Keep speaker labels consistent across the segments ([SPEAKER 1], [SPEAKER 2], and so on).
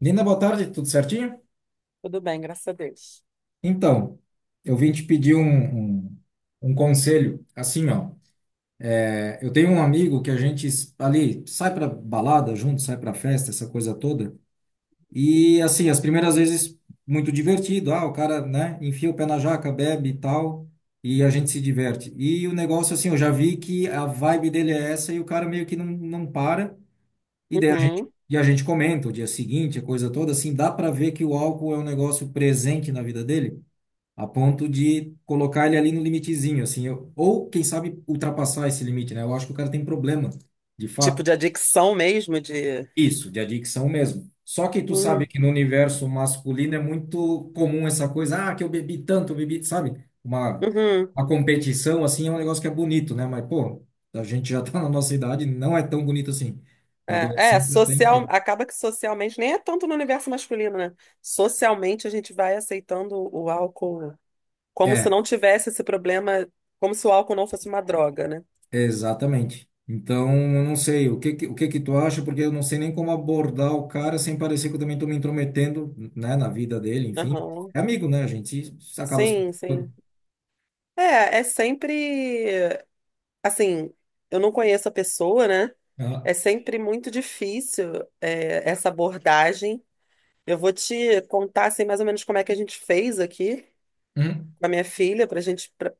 [SPEAKER 1] Linda, boa tarde, tudo certinho?
[SPEAKER 2] Tudo bem, graças a Deus.
[SPEAKER 1] Então, eu vim te pedir um conselho. Assim, ó, eu tenho um amigo que a gente ali sai pra balada junto, sai pra festa, essa coisa toda. E assim, as primeiras vezes muito divertido. Ah, o cara, né, enfia o pé na jaca, bebe e tal, e a gente se diverte. E o negócio, assim, eu já vi que a vibe dele é essa e o cara meio que não para. E daí a gente,
[SPEAKER 2] Uhum.
[SPEAKER 1] e a gente comenta o dia seguinte, a coisa toda, assim, dá pra ver que o álcool é um negócio presente na vida dele, a ponto de colocar ele ali no limitezinho, assim, eu, ou quem sabe ultrapassar esse limite, né? Eu acho que o cara tem problema, de
[SPEAKER 2] Tipo
[SPEAKER 1] fato,
[SPEAKER 2] de adicção mesmo, de.
[SPEAKER 1] isso, de adicção mesmo. Só que tu sabe
[SPEAKER 2] Hum,
[SPEAKER 1] que no universo masculino é muito comum essa coisa, ah, que eu bebi tanto, eu bebi, sabe?
[SPEAKER 2] uhum.
[SPEAKER 1] Uma competição, assim, é um negócio que é bonito, né? Mas, pô, a gente já tá na nossa idade, não é tão bonito assim. Na
[SPEAKER 2] É, é,
[SPEAKER 1] adolescência tem,
[SPEAKER 2] social.
[SPEAKER 1] tem.
[SPEAKER 2] Acaba que socialmente, nem é tanto no universo masculino, né? Socialmente a gente vai aceitando o álcool como se
[SPEAKER 1] É,
[SPEAKER 2] não tivesse esse problema, como se o álcool não fosse uma droga, né?
[SPEAKER 1] exatamente. Então, eu não sei o que que tu acha, porque eu não sei nem como abordar o cara sem parecer que eu também estou me intrometendo, né, na vida dele, enfim.
[SPEAKER 2] Aham.
[SPEAKER 1] É amigo, né, gente? Isso acaba se
[SPEAKER 2] Sim, sim.
[SPEAKER 1] preocupando.
[SPEAKER 2] É sempre. Assim, eu não conheço a pessoa, né?
[SPEAKER 1] Ah,
[SPEAKER 2] É sempre muito difícil, é, essa abordagem. Eu vou te contar assim, mais ou menos como é que a gente fez aqui
[SPEAKER 1] hum.
[SPEAKER 2] com a minha filha, pra gente, pra,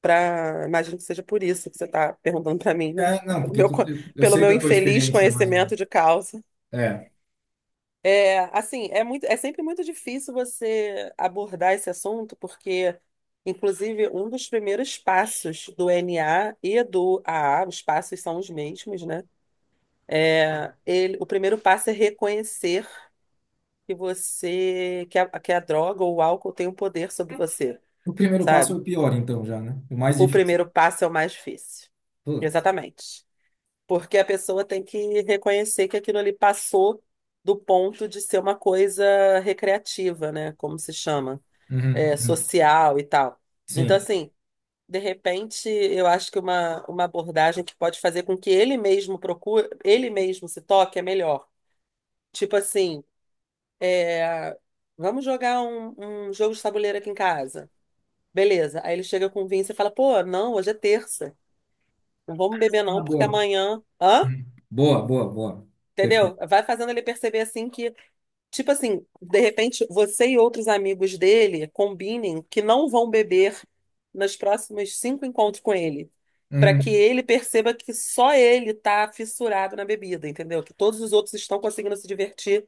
[SPEAKER 2] pra- imagino que seja por isso que você tá perguntando pra mim, né?
[SPEAKER 1] É, não,
[SPEAKER 2] Pelo
[SPEAKER 1] porque
[SPEAKER 2] meu,
[SPEAKER 1] tu,
[SPEAKER 2] co-
[SPEAKER 1] eu
[SPEAKER 2] pelo
[SPEAKER 1] sei
[SPEAKER 2] meu
[SPEAKER 1] da tua
[SPEAKER 2] infeliz
[SPEAKER 1] experiência, mais ou menos.
[SPEAKER 2] conhecimento de causa.
[SPEAKER 1] É.
[SPEAKER 2] É, assim, é sempre muito difícil você abordar esse assunto, porque, inclusive, um dos primeiros passos do NA e do AA, os passos são os mesmos, né? É, ele, o primeiro passo é reconhecer que você que a droga ou o álcool tem um poder sobre você,
[SPEAKER 1] O primeiro passo é
[SPEAKER 2] sabe?
[SPEAKER 1] o pior, então, já, né? O mais
[SPEAKER 2] O
[SPEAKER 1] difícil.
[SPEAKER 2] primeiro passo é o mais difícil.
[SPEAKER 1] Putz.
[SPEAKER 2] Exatamente. Porque a pessoa tem que reconhecer que aquilo ali passou do ponto de ser uma coisa recreativa, né? Como se chama,
[SPEAKER 1] Uhum,
[SPEAKER 2] é,
[SPEAKER 1] uhum.
[SPEAKER 2] social e tal. Então,
[SPEAKER 1] Sim.
[SPEAKER 2] assim, de repente, eu acho que uma abordagem que pode fazer com que ele mesmo procure, ele mesmo se toque é melhor. Tipo assim, é, vamos jogar um jogo de tabuleiro aqui em casa. Beleza. Aí ele chega com o vinho e você fala, pô, não, hoje é terça. Não vamos beber
[SPEAKER 1] Ah,
[SPEAKER 2] não, porque
[SPEAKER 1] boa.
[SPEAKER 2] amanhã... Hã?
[SPEAKER 1] Uhum. Boa, boa, boa. Perfeito.
[SPEAKER 2] Entendeu? Vai fazendo ele perceber assim que, tipo assim, de repente você e outros amigos dele combinem que não vão beber nos próximos cinco encontros com ele, para que
[SPEAKER 1] Uhum.
[SPEAKER 2] ele perceba que só ele tá fissurado na bebida, entendeu? Que todos os outros estão conseguindo se divertir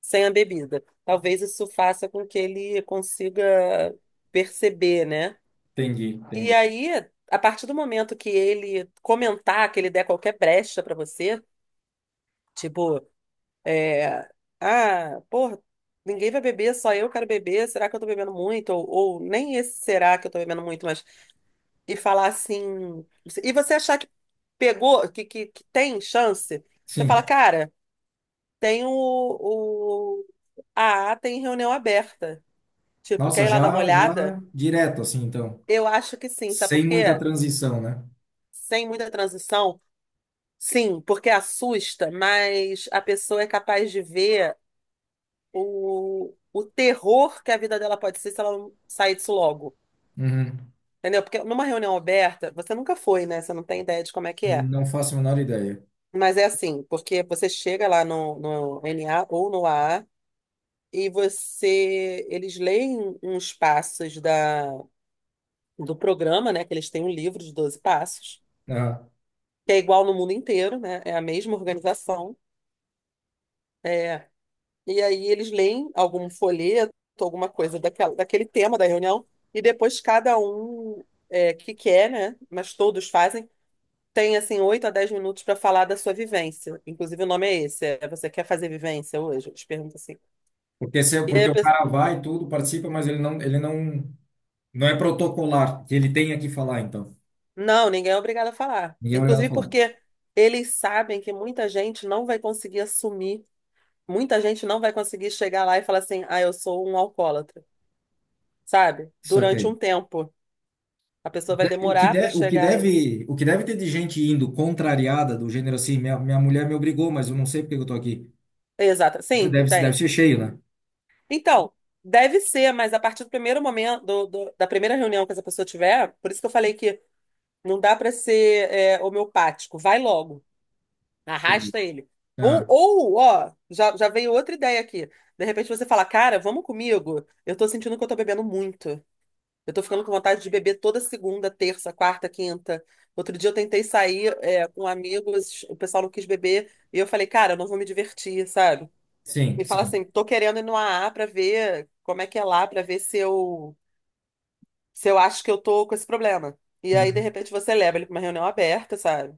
[SPEAKER 2] sem a bebida. Talvez isso faça com que ele consiga perceber, né?
[SPEAKER 1] Entendi,
[SPEAKER 2] E
[SPEAKER 1] entendi.
[SPEAKER 2] aí, a partir do momento que ele comentar, que ele der qualquer brecha pra você, tipo, é, ah, porra, ninguém vai beber, só eu quero beber, será que eu tô bebendo muito? Ou nem esse será que eu tô bebendo muito, mas e falar assim, e você achar que pegou, que tem chance, você fala,
[SPEAKER 1] Sim.
[SPEAKER 2] cara, tem o a A tem reunião aberta. Tipo,
[SPEAKER 1] Nossa,
[SPEAKER 2] quer ir lá dar uma
[SPEAKER 1] já, já
[SPEAKER 2] olhada?
[SPEAKER 1] direto, assim, então.
[SPEAKER 2] Eu acho que sim, sabe
[SPEAKER 1] Sem
[SPEAKER 2] por
[SPEAKER 1] muita
[SPEAKER 2] quê?
[SPEAKER 1] transição, né?
[SPEAKER 2] Sem muita transição, sim, porque assusta, mas a pessoa é capaz de ver o terror que a vida dela pode ser se ela não sair disso logo.
[SPEAKER 1] Uhum.
[SPEAKER 2] Entendeu? Porque numa reunião aberta, você nunca foi, né? Você não tem ideia de como é que é.
[SPEAKER 1] Não faço a menor ideia.
[SPEAKER 2] Mas é assim, porque você chega lá no NA ou no AA e você, eles leem uns passos do programa, né? Que eles têm um livro de 12 passos.
[SPEAKER 1] Aham.
[SPEAKER 2] Que é igual no mundo inteiro, né? É a mesma organização. É. E aí eles leem algum folheto, alguma coisa daquele tema da reunião, e depois cada um é, que quer, né? Mas todos fazem, tem assim 8 a 10 minutos para falar da sua vivência. Inclusive o nome é esse, é "Você quer fazer vivência hoje?" Eles perguntam assim.
[SPEAKER 1] Porque, se,
[SPEAKER 2] E aí
[SPEAKER 1] porque
[SPEAKER 2] a
[SPEAKER 1] o
[SPEAKER 2] pessoa,
[SPEAKER 1] cara vai tudo, participa, mas ele não, não é protocolar, que ele tenha que falar, então.
[SPEAKER 2] não, ninguém é obrigado a falar.
[SPEAKER 1] Ninguém é obrigado a
[SPEAKER 2] Inclusive
[SPEAKER 1] falar.
[SPEAKER 2] porque eles sabem que muita gente não vai conseguir assumir, muita gente não vai conseguir chegar lá e falar assim, ah, eu sou um alcoólatra, sabe?
[SPEAKER 1] Só que
[SPEAKER 2] Durante um
[SPEAKER 1] aí.
[SPEAKER 2] tempo. A pessoa vai demorar para chegar a isso.
[SPEAKER 1] O que deve ter de gente indo contrariada, do gênero assim, minha mulher me obrigou, mas eu não sei porque eu tô aqui.
[SPEAKER 2] Exato. Sim,
[SPEAKER 1] Deve, deve
[SPEAKER 2] tem.
[SPEAKER 1] ser cheio, né?
[SPEAKER 2] Então, deve ser, mas a partir do primeiro momento, da primeira reunião que essa pessoa tiver, por isso que eu falei que não dá para ser é, homeopático. Vai logo, arrasta ele. Ou,
[SPEAKER 1] Ah,
[SPEAKER 2] ou, ó, já, já veio outra ideia aqui. De repente você fala, cara, vamos comigo. Eu tô sentindo que eu tô bebendo muito. Eu tô ficando com vontade de beber toda segunda, terça, quarta, quinta. Outro dia eu tentei sair, é, com amigos, o pessoal não quis beber, e eu falei, cara, eu não vou me divertir, sabe? Me
[SPEAKER 1] sim,
[SPEAKER 2] fala
[SPEAKER 1] sim.
[SPEAKER 2] assim, tô querendo ir no AA pra ver como é que é lá, pra ver se eu acho que eu tô com esse problema. E aí, de
[SPEAKER 1] Uhum.
[SPEAKER 2] repente, você leva ele pra uma reunião aberta, sabe?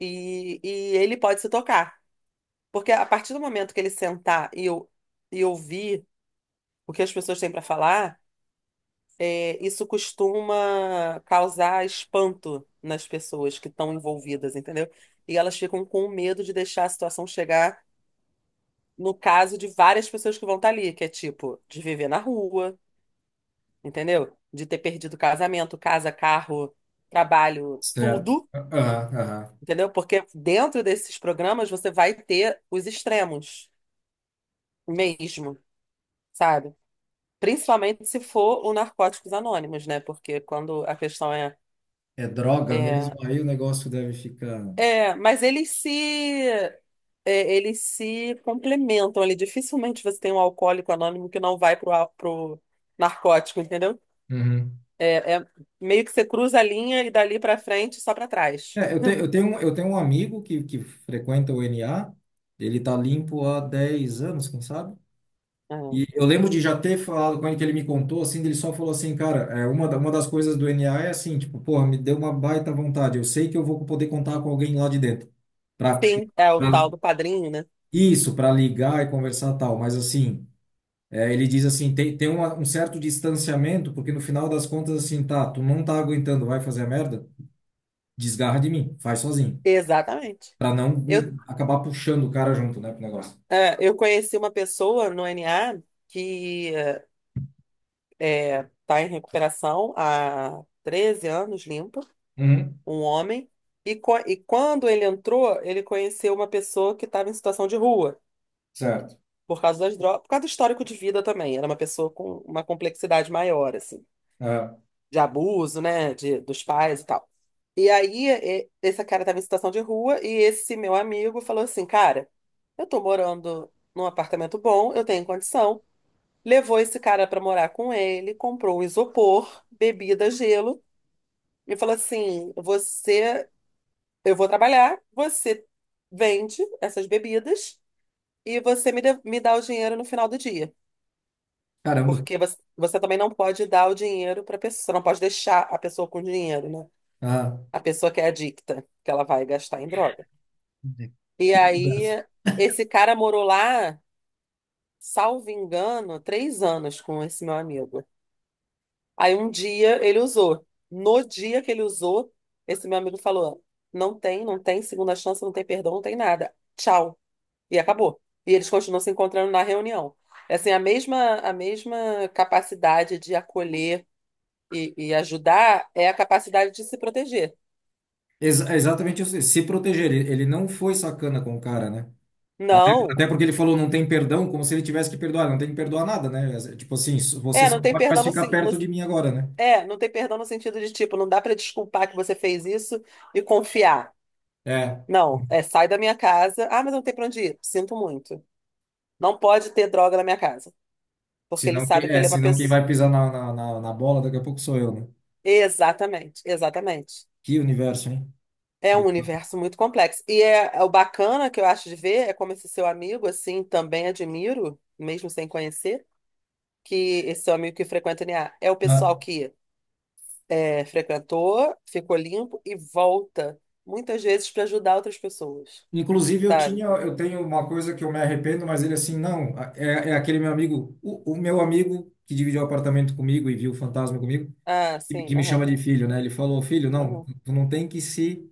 [SPEAKER 2] E ele pode se tocar. Porque a partir do momento que ele sentar e ouvir o que as pessoas têm pra falar é, isso costuma causar espanto nas pessoas que estão envolvidas, entendeu? E elas ficam com medo de deixar a situação chegar no caso de várias pessoas que vão estar ali, que é tipo, de viver na rua, entendeu? De ter perdido casamento, casa, carro, trabalho,
[SPEAKER 1] Certo.
[SPEAKER 2] tudo,
[SPEAKER 1] Aham, aham.
[SPEAKER 2] entendeu? Porque dentro desses programas você vai ter os extremos mesmo, sabe? Principalmente se for o Narcóticos Anônimos, né? Porque quando a questão
[SPEAKER 1] É droga
[SPEAKER 2] é
[SPEAKER 1] mesmo, aí o negócio deve ficar.
[SPEAKER 2] É. Mas eles se complementam ali. Dificilmente você tem um alcoólico anônimo que não vai pro narcótico, entendeu?
[SPEAKER 1] Uhum.
[SPEAKER 2] É meio que você cruza a linha e dali pra frente só pra trás,
[SPEAKER 1] É, eu, te,
[SPEAKER 2] entendeu?
[SPEAKER 1] eu tenho um amigo que frequenta o NA, ele tá limpo há 10 anos, quem sabe?
[SPEAKER 2] É.
[SPEAKER 1] E eu lembro de já ter falado com ele, que ele me contou, assim, ele só falou assim, cara, é, uma, uma das coisas do NA é assim, tipo, porra, me deu uma baita vontade, eu sei que eu vou poder contar com alguém lá de dentro, pra,
[SPEAKER 2] Sim, é o
[SPEAKER 1] pra
[SPEAKER 2] tal do padrinho, né?
[SPEAKER 1] isso, pra ligar e conversar tal, mas assim, é, ele diz assim, um certo distanciamento, porque no final das contas, assim, tá, tu não tá aguentando, vai fazer a merda, desgarra de mim, faz sozinho.
[SPEAKER 2] Exatamente.
[SPEAKER 1] Pra não
[SPEAKER 2] Eu,
[SPEAKER 1] me- acabar puxando o cara junto, né, pro negócio.
[SPEAKER 2] eu conheci uma pessoa no NA que tá em recuperação há 13 anos limpa.
[SPEAKER 1] Uhum.
[SPEAKER 2] Um homem, e quando ele entrou, ele conheceu uma pessoa que estava em situação de rua,
[SPEAKER 1] Certo.
[SPEAKER 2] por causa das drogas, por causa do histórico de vida também. Era uma pessoa com uma complexidade maior, assim,
[SPEAKER 1] É.
[SPEAKER 2] de abuso, né, dos pais e tal. E aí, esse cara estava em situação de rua, e esse meu amigo falou assim: "Cara, eu tô morando num apartamento bom, eu tenho condição." Levou esse cara para morar com ele, comprou um isopor, bebida, gelo, e falou assim: Você Eu vou trabalhar, você vende essas bebidas e você me dá o dinheiro no final do dia."
[SPEAKER 1] Caramba.
[SPEAKER 2] Porque você também não pode dar o dinheiro para a pessoa, você não pode deixar a pessoa com dinheiro, né?
[SPEAKER 1] Ah,
[SPEAKER 2] A pessoa que é adicta, que ela vai gastar em droga. E
[SPEAKER 1] conversa.
[SPEAKER 2] aí, esse cara morou lá, salvo engano, 3 anos com esse meu amigo. Aí um dia ele usou. No dia que ele usou, esse meu amigo falou: "Não tem, não tem segunda chance, não tem perdão, não tem nada. Tchau." E acabou. E eles continuam se encontrando na reunião. É. Assim, a mesma capacidade de acolher e ajudar é a capacidade de se proteger.
[SPEAKER 1] É exatamente isso. Se proteger. Ele não foi sacana com o cara, né? Até,
[SPEAKER 2] Não.
[SPEAKER 1] até porque ele falou não tem perdão, como se ele tivesse que perdoar. Não tem que perdoar nada, né? Tipo assim, você
[SPEAKER 2] É,
[SPEAKER 1] só não pode mais ficar perto de mim agora, né?
[SPEAKER 2] não tem perdão no sentido de tipo, não dá para desculpar que você fez isso e confiar.
[SPEAKER 1] É.
[SPEAKER 2] Não, é sai da minha casa. Ah, mas eu não tem para onde ir. Sinto muito. Não pode ter droga na minha casa, porque ele
[SPEAKER 1] Senão,
[SPEAKER 2] sabe que ele é uma
[SPEAKER 1] senão quem
[SPEAKER 2] pessoa.
[SPEAKER 1] vai pisar na bola daqui a pouco sou eu, né?
[SPEAKER 2] Exatamente, exatamente.
[SPEAKER 1] Que universo, hein?
[SPEAKER 2] É um
[SPEAKER 1] Bizarro.
[SPEAKER 2] universo muito complexo. E é o bacana que eu acho de ver é como esse seu amigo, assim, também admiro, mesmo sem conhecer, que esse seu amigo que frequenta o NA é o pessoal
[SPEAKER 1] Ah.
[SPEAKER 2] que é, frequentou, ficou limpo e volta muitas vezes para ajudar outras pessoas,
[SPEAKER 1] Inclusive,
[SPEAKER 2] sabe?
[SPEAKER 1] eu tenho uma coisa que eu me arrependo, mas ele assim, não, é aquele meu amigo, o meu amigo que dividiu o apartamento comigo e viu o fantasma comigo,
[SPEAKER 2] Ah, sim,
[SPEAKER 1] que me chama
[SPEAKER 2] aham,
[SPEAKER 1] de filho, né? Ele falou, filho, não,
[SPEAKER 2] aham.
[SPEAKER 1] tu não tem que se,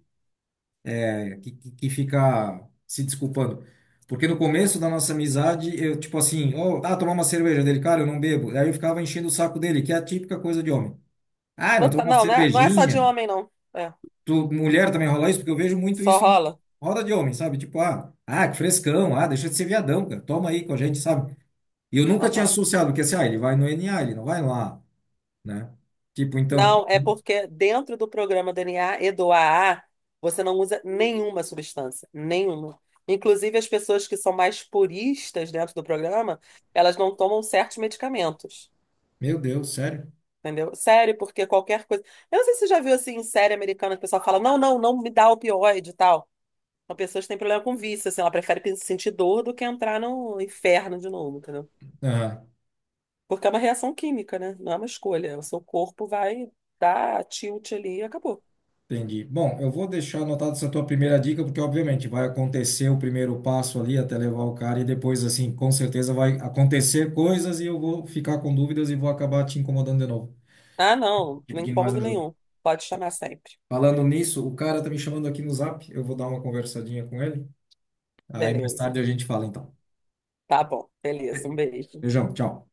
[SPEAKER 1] que ficar se desculpando. Porque no começo da nossa amizade, eu, tipo assim, oh, ah, tomar uma cerveja dele, cara, eu não bebo. Aí eu ficava enchendo o saco dele, que é a típica coisa de homem. Ah, não,
[SPEAKER 2] Não,
[SPEAKER 1] tomar uma
[SPEAKER 2] não, não é, não é só de
[SPEAKER 1] cervejinha.
[SPEAKER 2] homem, não. É,
[SPEAKER 1] Tu, mulher também rola isso, porque eu vejo muito
[SPEAKER 2] só
[SPEAKER 1] isso em
[SPEAKER 2] rola.
[SPEAKER 1] roda de homem, sabe? Tipo, ah, ah, que frescão, ah, deixa de ser viadão, cara, toma aí com a gente, sabe? E eu nunca tinha
[SPEAKER 2] Aham.
[SPEAKER 1] associado, porque assim, ah, ele vai no NA, ele não vai lá, né? Tipo, então,
[SPEAKER 2] Não, é porque dentro do programa DNA e do AA, você não usa nenhuma substância, nenhuma. Inclusive, as pessoas que são mais puristas dentro do programa, elas não tomam certos medicamentos,
[SPEAKER 1] meu Deus, sério?
[SPEAKER 2] entendeu? Sério, porque qualquer coisa. Eu não sei se você já viu assim em série americana que o pessoal fala: não, não, não me dá opioide e tal. Uma pessoa que têm problema com vício, assim, ela prefere sentir dor do que entrar no inferno de novo, entendeu?
[SPEAKER 1] Aham,
[SPEAKER 2] Porque é uma reação química, né? Não é uma escolha. O seu corpo vai dar tilt ali e acabou.
[SPEAKER 1] entendi. Bom, eu vou deixar anotada essa tua primeira dica, porque obviamente vai acontecer o primeiro passo ali até levar o cara, e depois, assim, com certeza vai acontecer coisas e eu vou ficar com dúvidas e vou acabar te incomodando de novo,
[SPEAKER 2] Ah, não,
[SPEAKER 1] te
[SPEAKER 2] não
[SPEAKER 1] pedindo mais
[SPEAKER 2] incômodo
[SPEAKER 1] ajuda.
[SPEAKER 2] nenhum. Pode chamar sempre.
[SPEAKER 1] Falando nisso, o cara tá me chamando aqui no Zap. Eu vou dar uma conversadinha com ele. Aí mais
[SPEAKER 2] Beleza.
[SPEAKER 1] tarde a gente fala então.
[SPEAKER 2] Tá bom, beleza. Um beijo.
[SPEAKER 1] Beijão, tchau.